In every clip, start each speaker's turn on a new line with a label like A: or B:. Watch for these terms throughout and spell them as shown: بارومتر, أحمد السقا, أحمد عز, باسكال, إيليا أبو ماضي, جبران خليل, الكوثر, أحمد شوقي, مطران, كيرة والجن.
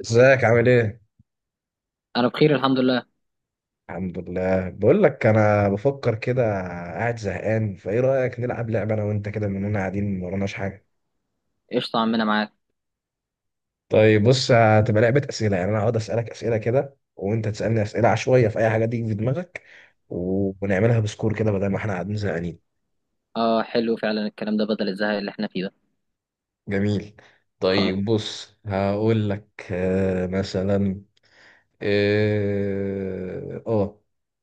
A: ازيك عامل ايه؟
B: انا بخير الحمد لله.
A: الحمد لله، بقول لك انا بفكر كده. قاعد زهقان، فايه رايك نلعب لعبه انا وانت كده، مننا قاعدين ما وراناش حاجه.
B: قشطة عمنا معاك.
A: طيب بص، هتبقى لعبه اسئله، يعني انا هقعد اسالك اسئله كده وانت تسالني اسئله عشوائيه في اي حاجه تيجي في دماغك، ونعملها بسكور كده بدل ما احنا قاعدين زهقانين.
B: اه حلو فعلا الكلام ده بدل الزهق اللي احنا فيه ده.
A: جميل.
B: خ...
A: طيب بص هقول لك مثلا. اه.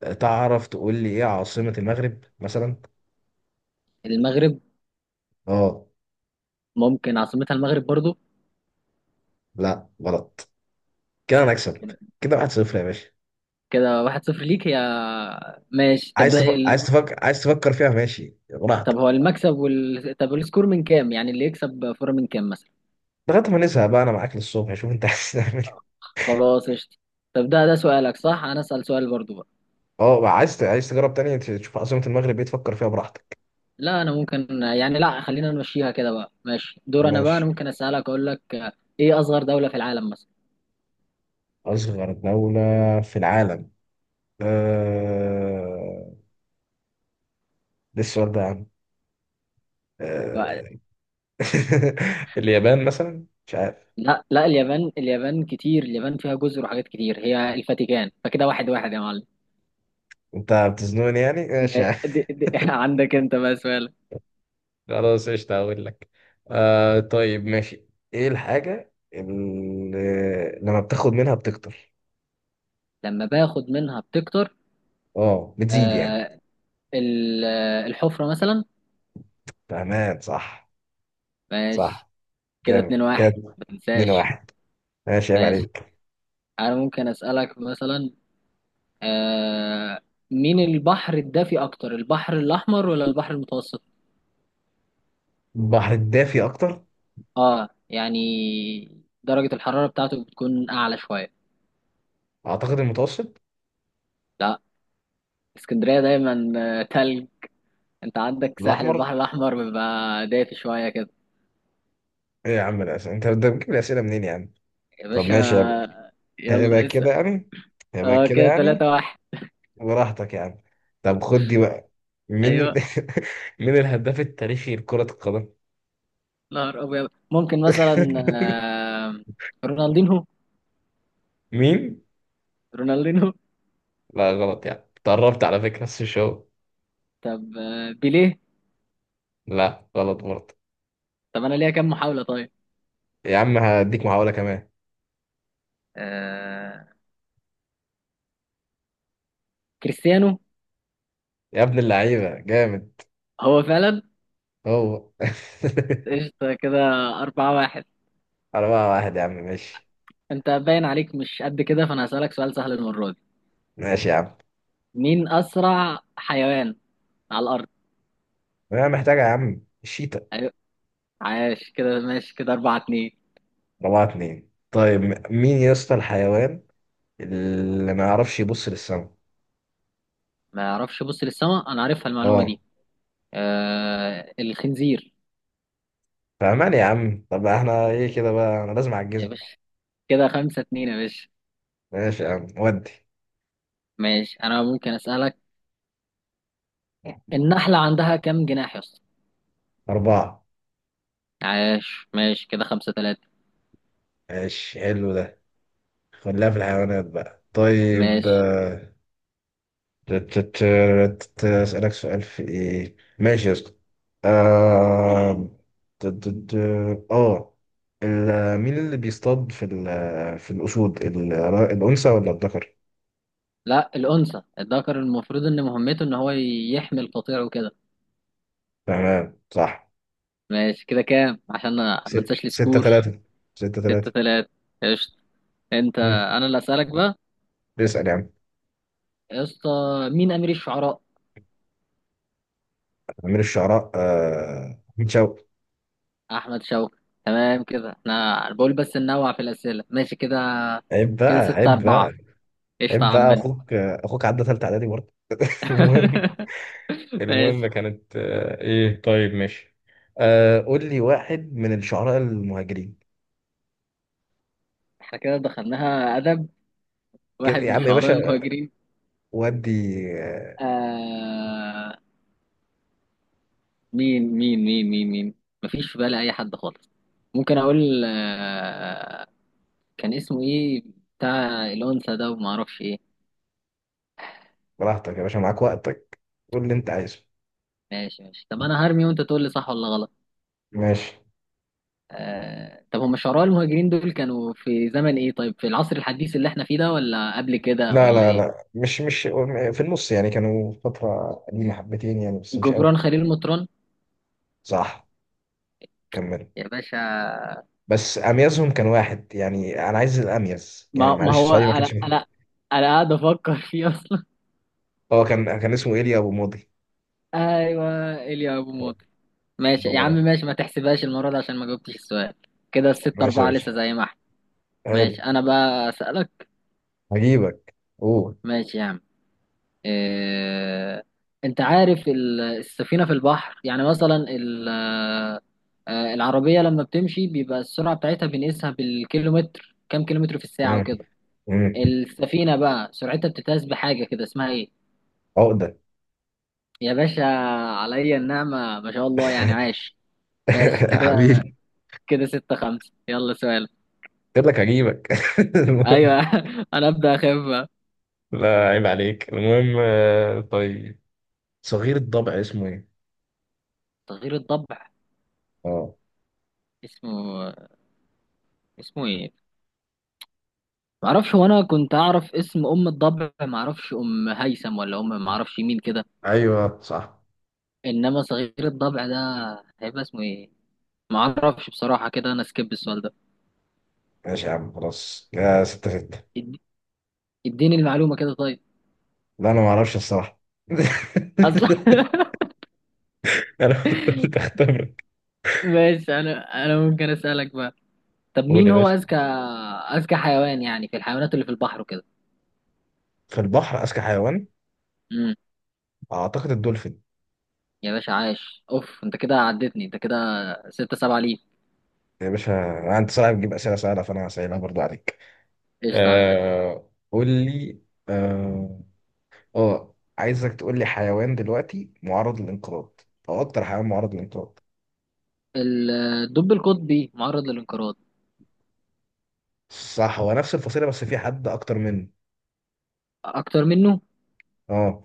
A: تعرف تقول لي ايه عاصمه المغرب مثلا؟
B: المغرب،
A: اه.
B: ممكن عاصمتها المغرب برضو.
A: لا غلط. كده انا اكسب.
B: كده
A: كده 1-0 يا باشا.
B: كده واحد صفر ليك يا. ماشي طب
A: عايز تفكر عايز تفكر عايز تفكر فيها ماشي،
B: طب
A: براحتك.
B: هو المكسب طب السكور من كام، يعني اللي يكسب فورة من كام مثلا؟
A: لغايه ما نزهق بقى، انا معاك للصبح، شوف انت عايز تعمل إيه.
B: خلاص قشطة. طب ده سؤالك، صح؟ انا اسأل سؤال برضو بقى.
A: اه بقى، عايز عايز تجرب تاني تشوف عاصمه المغرب ايه، تفكر فيها براحتك.
B: لا انا ممكن يعني، لا خلينا نمشيها كده بقى. ماشي دور انا بقى. انا
A: ماشي.
B: ممكن اسألك، اقول لك ايه اصغر دولة في العالم مثلا؟
A: اصغر دوله في العالم. آه... ده السؤال ده يا عم؟ آه... اليابان مثلا، مش عارف.
B: لا لا، اليابان اليابان كتير، اليابان فيها جزر وحاجات كتير. هي الفاتيكان، فكده واحد واحد يا معلم.
A: انت بتزنقني يعني، ماشي يا عم.
B: دي عندك انت بقى سؤال.
A: خلاص قشطة، هقول لك. آه طيب ماشي. ايه الحاجة اللي لما بتاخد منها بتكتر؟
B: لما باخد منها بتكتر؟
A: اه، بتزيد يعني.
B: آه، الحفرة مثلا.
A: تمام صح.
B: ماشي
A: صح.
B: كده
A: جامد
B: اتنين
A: كده.
B: واحد، ما
A: اتنين
B: تنساش.
A: واحد. ماشي، عيب
B: ماشي
A: عليك.
B: انا ممكن اسألك مثلا، آه، مين البحر الدافي اكتر، البحر الاحمر ولا البحر المتوسط؟
A: البحر الدافي اكتر.
B: اه يعني درجة الحرارة بتاعته بتكون اعلى شوية.
A: اعتقد المتوسط.
B: لا، اسكندرية دايما آه، تلج. انت عندك ساحل
A: الاحمر.
B: البحر الاحمر بيبقى دافي شويه كده.
A: ايه يا عم الاسئله، انت ده بتجيب الاسئله منين يعني؟
B: يا
A: طب
B: باشا
A: ماشي، يبقى. يبقى
B: يلا اسأل.
A: كده يعني. يبقى
B: اه
A: كده
B: كده
A: يعني.
B: ثلاثة واحد.
A: براحتك يعني. طب خد دي بقى. مين ال-
B: ايوه.
A: مين الهداف التاريخي لكرة القدم؟
B: نهار ابيض، ممكن مثلا آه، رونالدينهو.
A: مين؟
B: رونالدينهو.
A: لا غلط، يعني تقربت على فكرة بس مش هو.
B: طب آه، بيليه.
A: لا غلط برضه.
B: طب انا ليا كام محاولة طيب؟
A: يا عم هديك محاولة كمان.
B: آه... كريستيانو.
A: يا ابن اللعيبة جامد.
B: هو فعلا.
A: هو.
B: قشطة كده أربعة واحد.
A: أربعة واحد يا عم، ماشي.
B: أنت باين عليك مش قد كده، فأنا هسألك سؤال سهل المرة دي.
A: ماشي يا عم.
B: مين أسرع حيوان على الأرض؟
A: أنا محتاجة يا عم، الشيتا.
B: أيوة، عاش كده. ماشي كده أربعة اتنين.
A: أربعة اتنين طيب. مين يا اسطى الحيوان اللي ما يعرفش يبص للسما؟
B: ما يعرفش يبص للسماء، انا عارفها المعلومه
A: اه.
B: دي. آه الخنزير.
A: فأمان يا عم، طب احنا ايه كده بقى، أنا لازم
B: يا
A: أعجزك.
B: باشا كده خمسة اتنين يا باشا.
A: ماشي يا عم ودي.
B: ماشي انا ممكن اسالك، النحله عندها كام جناح يا اسطى؟
A: أربعة.
B: عاش، ماشي كده خمسة تلاتة.
A: ماشي، حلو ده. خليها في الحيوانات بقى، طيب
B: ماشي.
A: تت- أسألك سؤال في إيه؟ ماشي يا اسطى. آه. ت- ت- ت- آه. مين اللي بيصطاد في الأسود الأنثى ولا الذكر؟
B: لا الانثى، الذكر المفروض ان مهمته ان هو يحمي القطيع وكده.
A: تمام صح.
B: ماشي كده كام؟ عشان ما انساش
A: ستة
B: السكور.
A: ثلاثة. ستة
B: ستة
A: ثلاثة.
B: تلاتة. قشطة. انت
A: مم.
B: انا اللي اسالك بقى.
A: بيسأل يا عم.
B: يا اسطى مين امير الشعراء؟
A: أمير الشعراء، آه أحمد شوقي.
B: احمد شوقي. تمام كده. احنا أنا بقول بس ننوع في الاسئله، ماشي كده.
A: عيب بقى،
B: كده ستة
A: عيب
B: أربعة.
A: بقى.
B: قشطة
A: عيب
B: يا
A: بقى،
B: عمنا.
A: أخوك أخوك عدى ثالثة إعدادي برضه. المهم. المهم
B: ماشي.
A: كانت ايه طيب ماشي. آه قول لي واحد من الشعراء المهاجرين.
B: احنا كده دخلناها أدب. واحد
A: كده يا
B: من
A: عم يا
B: الشعراء
A: باشا.
B: المهاجرين.
A: ودي. آه،
B: آه... مين مين؟ مفيش في بالي أي حد خالص. ممكن أقول آه... كان اسمه إيه، بتاع الأنثى ده وما أعرفش إيه.
A: براحتك يا باشا، معاك وقتك. قول اللي انت عايزه.
B: ماشي ماشي. طب أنا هرمي وأنت تقول لي صح ولا غلط.
A: ماشي.
B: آه، طب هم شعراء المهاجرين دول كانوا في زمن ايه؟ طيب في العصر الحديث اللي احنا فيه ده، ولا قبل كده،
A: لا
B: ولا
A: لا
B: ايه؟
A: لا مش مش في النص يعني، كانوا فترة قديمة حبتين يعني، بس مش قوي.
B: جبران خليل مطران.
A: صح. كمل.
B: يا باشا.
A: بس اميزهم كان واحد يعني، انا عايز الاميز يعني،
B: ما
A: معلش
B: هو
A: سؤالي ما
B: انا
A: كانش
B: انا
A: مهم.
B: انا قاعد افكر فيه اصلا.
A: هو كان كان اسمه ايليا ابو ماضي.
B: ايوه، ايليا ابو
A: هو.
B: موت. ماشي يا
A: هو
B: عم
A: ده.
B: ماشي. ما تحسبهاش المره دي عشان ما جاوبتش السؤال. كده الستة
A: ماشي يا
B: أربعة
A: باشا.
B: لسه زي ما احنا.
A: حلو.
B: ماشي انا بقى اسالك.
A: هجيبك. قول.
B: ماشي يا عم. آه، انت عارف السفينة في البحر، يعني مثلا العربية لما بتمشي بيبقى السرعة بتاعتها بنقيسها بالكيلومتر، كام كيلومتر في الساعة
A: مم.
B: وكده.
A: مم.
B: السفينة بقى سرعتها بتتقاس بحاجة كده، اسمها ايه؟
A: عقدة.
B: يا باشا، عليا النعمة ما شاء الله يعني عاش. ماشي كده
A: حبيبي.
B: كده ستة خمسة. يلا سؤال.
A: قلت لك هجيبك. المهم.
B: ايوه انا ابدأ اخف بقى.
A: لا عيب عليك. المهم طيب صغير الضبع اسمه ايه؟
B: تغيير الضبع،
A: اه.
B: اسمه اسمه ايه؟ معرفش، وانا كنت اعرف اسم ام الضبع، معرفش ام هيثم ولا ام معرفش مين كده.
A: ايوه صح.
B: انما صغير الضبع ده هيبقى اسمه ايه؟ معرفش بصراحة، كده انا سكيب السؤال ده.
A: ماشي يا عم، خلاص يا ستة ستة.
B: إد- اديني المعلومة كده طيب.
A: لا انا ما اعرفش الصراحة.
B: اصلا
A: انا كنت قلت اختبرك.
B: ماشي انا ممكن اسألك بقى. طب
A: قول
B: مين
A: يا
B: هو
A: باشا.
B: اذكى، اذكى حيوان يعني، في الحيوانات اللي في البحر وكده؟
A: في البحر اذكى حيوان.
B: امم.
A: اعتقد الدولفين.
B: يا باشا عاش، اوف انت كده عدتني انت كده. ستة سبعة ليه؟
A: يا باشا. انت صعب تجيب اسئله سهله، فانا هسألها برضو عليك.
B: قشطة يا عم.
A: قول لي. آه... اه عايزك تقول لي حيوان دلوقتي معرض للانقراض، او اكتر حيوان معرض للانقراض.
B: الدب القطبي معرض للانقراض.
A: صح، هو نفس الفصيله بس في حد اكتر منه.
B: اكتر منه؟
A: اه.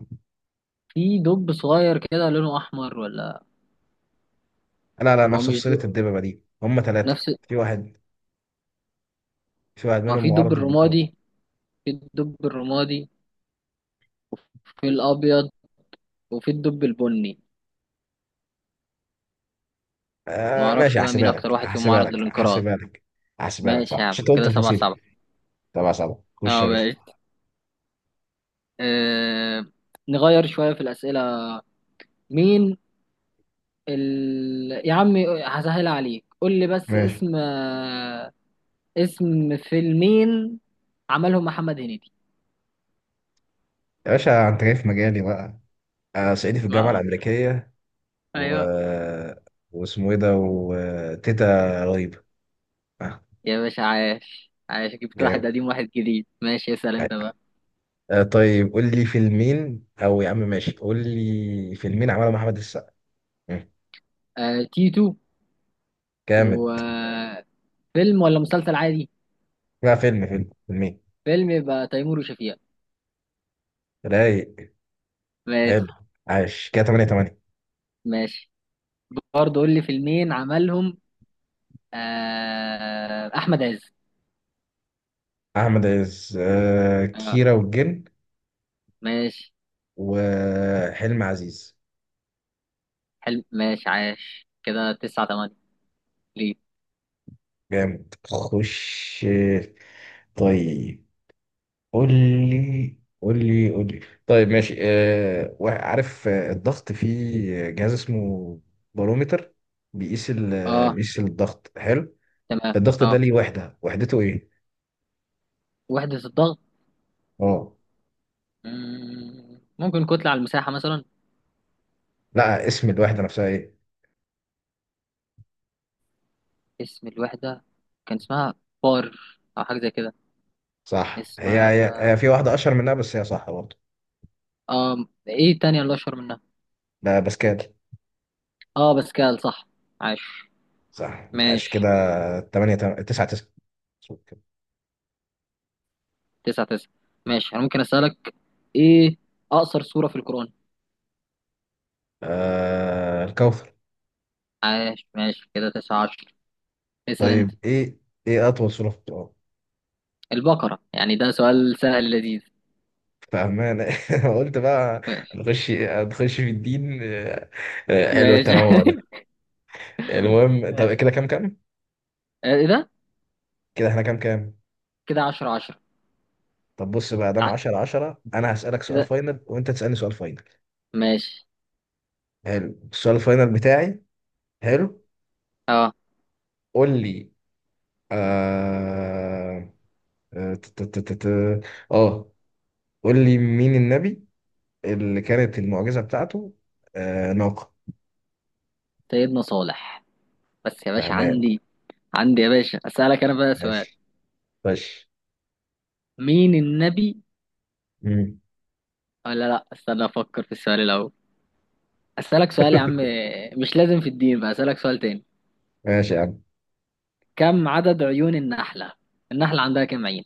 B: في دب صغير كده لونه احمر ولا؟
A: لا لا
B: هو
A: نفس
B: مش دب؟
A: فصيله الدببه دي، هم ثلاثه.
B: نفس.
A: في واحد. في واحد
B: ما
A: منهم
B: في الدب
A: معرض للانقراض.
B: الرمادي، في الدب الرمادي، في الابيض، وفي الدب البني. ما
A: آه ماشي،
B: اعرفش بقى مين
A: هحسبها
B: اكتر
A: لك
B: واحد فيهم
A: هحسبها
B: معرض
A: لك
B: للانقراض.
A: هحسبها لك هحسبها لك
B: ماشي يا
A: صح،
B: عم
A: عشان أنت قلت
B: كده سبعة
A: الفصيله.
B: سبعة.
A: تبع سبعه، خش
B: اه
A: يا باشا.
B: ماشي. آه... نغير شوية في الأسئلة. مين يا عم، هسهل عليك. قول لي بس
A: ماشي.
B: اسم آه، اسم فيلمين عملهم محمد هنيدي.
A: يا باشا انت جاي في مجالي بقى، انا صعيدي في الجامعه
B: ما
A: الامريكيه، و
B: ايوه
A: واسمه ايه ده، وتيتا رهيبه. آه،
B: يا باشا، عاش عاش. جبت
A: جامد.
B: واحد قديم، واحد جديد. ماشي اسأل انت بقى.
A: آه طيب قول لي فيلمين، او يا عم ماشي قول لي فيلمين عملهم احمد السقا. مم.
B: آه تيتو.
A: جامد.
B: وفيلم ولا مسلسل عادي؟
A: لا فيلم، فيلم فيلمين.
B: فيلم؟ يبقى تيمور وشفيقة.
A: رايق. حلو.
B: ماشي.
A: عاش كده 8-8.
B: ماشي برضه قول لي فيلمين عملهم آه أحمد عز.
A: احمد عز آه
B: اه.
A: كيرة والجن.
B: ماشي
A: وحلم عزيز.
B: حلو، ماشي عاش كده تسعة تمانية. ليه؟
A: جامد، خش. طيب. قول لي. طيب ماشي آه، عارف الضغط في جهاز اسمه بارومتر بيقيس
B: اه
A: بيقيس الضغط، حلو.
B: تمام.
A: الضغط ده
B: اه
A: ليه وحدة، وحدته ايه؟
B: وحدة الضغط.
A: اه.
B: مم، ممكن كتلة على المساحة مثلا.
A: لا اسم الوحدة نفسها ايه.
B: اسم الوحدة، كان اسمها بار، أو حاجة زي كده.
A: صح، هي,
B: اسمها
A: هي, هي في واحدة اشهر منها بس هي صح برضه.
B: اه، ايه تانية اللي اشهر منها؟
A: باسكال.
B: اه باسكال صح. عاش.
A: صح ماشي كده.
B: ماشي
A: 8 9 9.
B: تسعة تسعة. ماشي انا ممكن اسألك، ايه اقصر سورة في القرآن؟
A: آه الكوثر.
B: عاش، ماشي كده تسعة عشر. اسأل انت.
A: طيب ايه، ايه اطول سورة في القرآن.
B: البقرة، يعني ده سؤال سهل لذيذ.
A: فاهمان قلت بقى.
B: ماشي
A: نخش في الدين حلو
B: ماشي
A: التنوع ده. المهم، طب كده كام كام؟
B: ايه ده؟
A: كده احنا كام كام؟
B: كده عشرة عشرة.
A: طب بص بقى، دام
B: ع-
A: 10-10، انا هسألك سؤال
B: كده
A: فاينل وانت تسألني سؤال فاينل.
B: ماشي.
A: حلو السؤال الفاينل بتاعي. حلو.
B: اه
A: قول لي. آه آه، ت- ت- ت- ت- آه، قول لي مين النبي اللي كانت المعجزة بتاعته آه ناقة؟
B: سيدنا صالح. بس يا باشا
A: تمام.
B: عندي، عندي يا باشا اسألك انا بقى سؤال.
A: ماشي. ماشي.
B: مين النبي؟
A: مم.
B: ولا لا، استنى افكر في السؤال الاول. أسألك سؤال يا عم، مش لازم في الدين بقى، أسألك سؤال تاني.
A: ماشي يا عم.
B: كم عدد عيون النحلة؟ النحلة عندها كم عين؟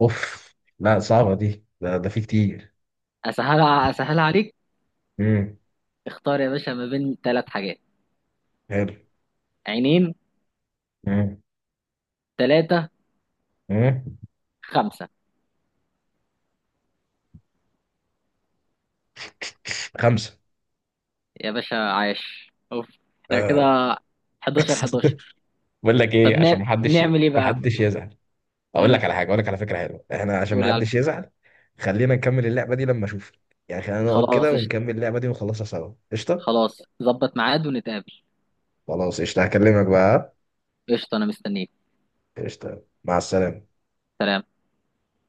A: اوف. لا صعبة دي، ده في كتير.
B: أسهلها أسهلها عليك.
A: مم.
B: اختار يا باشا ما بين ثلاث حاجات:
A: حلو.
B: عينين،
A: مم.
B: ثلاثة،
A: مم.
B: خمسة.
A: خمسة.
B: يا باشا عايش، أوف. احنا كده
A: آه.
B: 11 11.
A: بقول لك
B: طب
A: ايه، عشان محدش،
B: نعمل إيه بقى؟
A: محدش يزعل. اقول
B: امم،
A: لك على حاجه، اقول لك على فكره حلوه احنا عشان
B: قول
A: ما
B: لي على
A: حدش
B: الفكرة.
A: يزعل. خلينا نكمل اللعبه دي لما اشوفك، يعني خلينا نقعد كده
B: خلاص قشطة.
A: ونكمل اللعبه دي ونخلصها سوا قشطه.
B: خلاص، ظبط ميعاد ونتقابل.
A: خلاص قشطه، هكلمك بقى.
B: قشطة أنا مستنيك.
A: قشطه مع السلامه.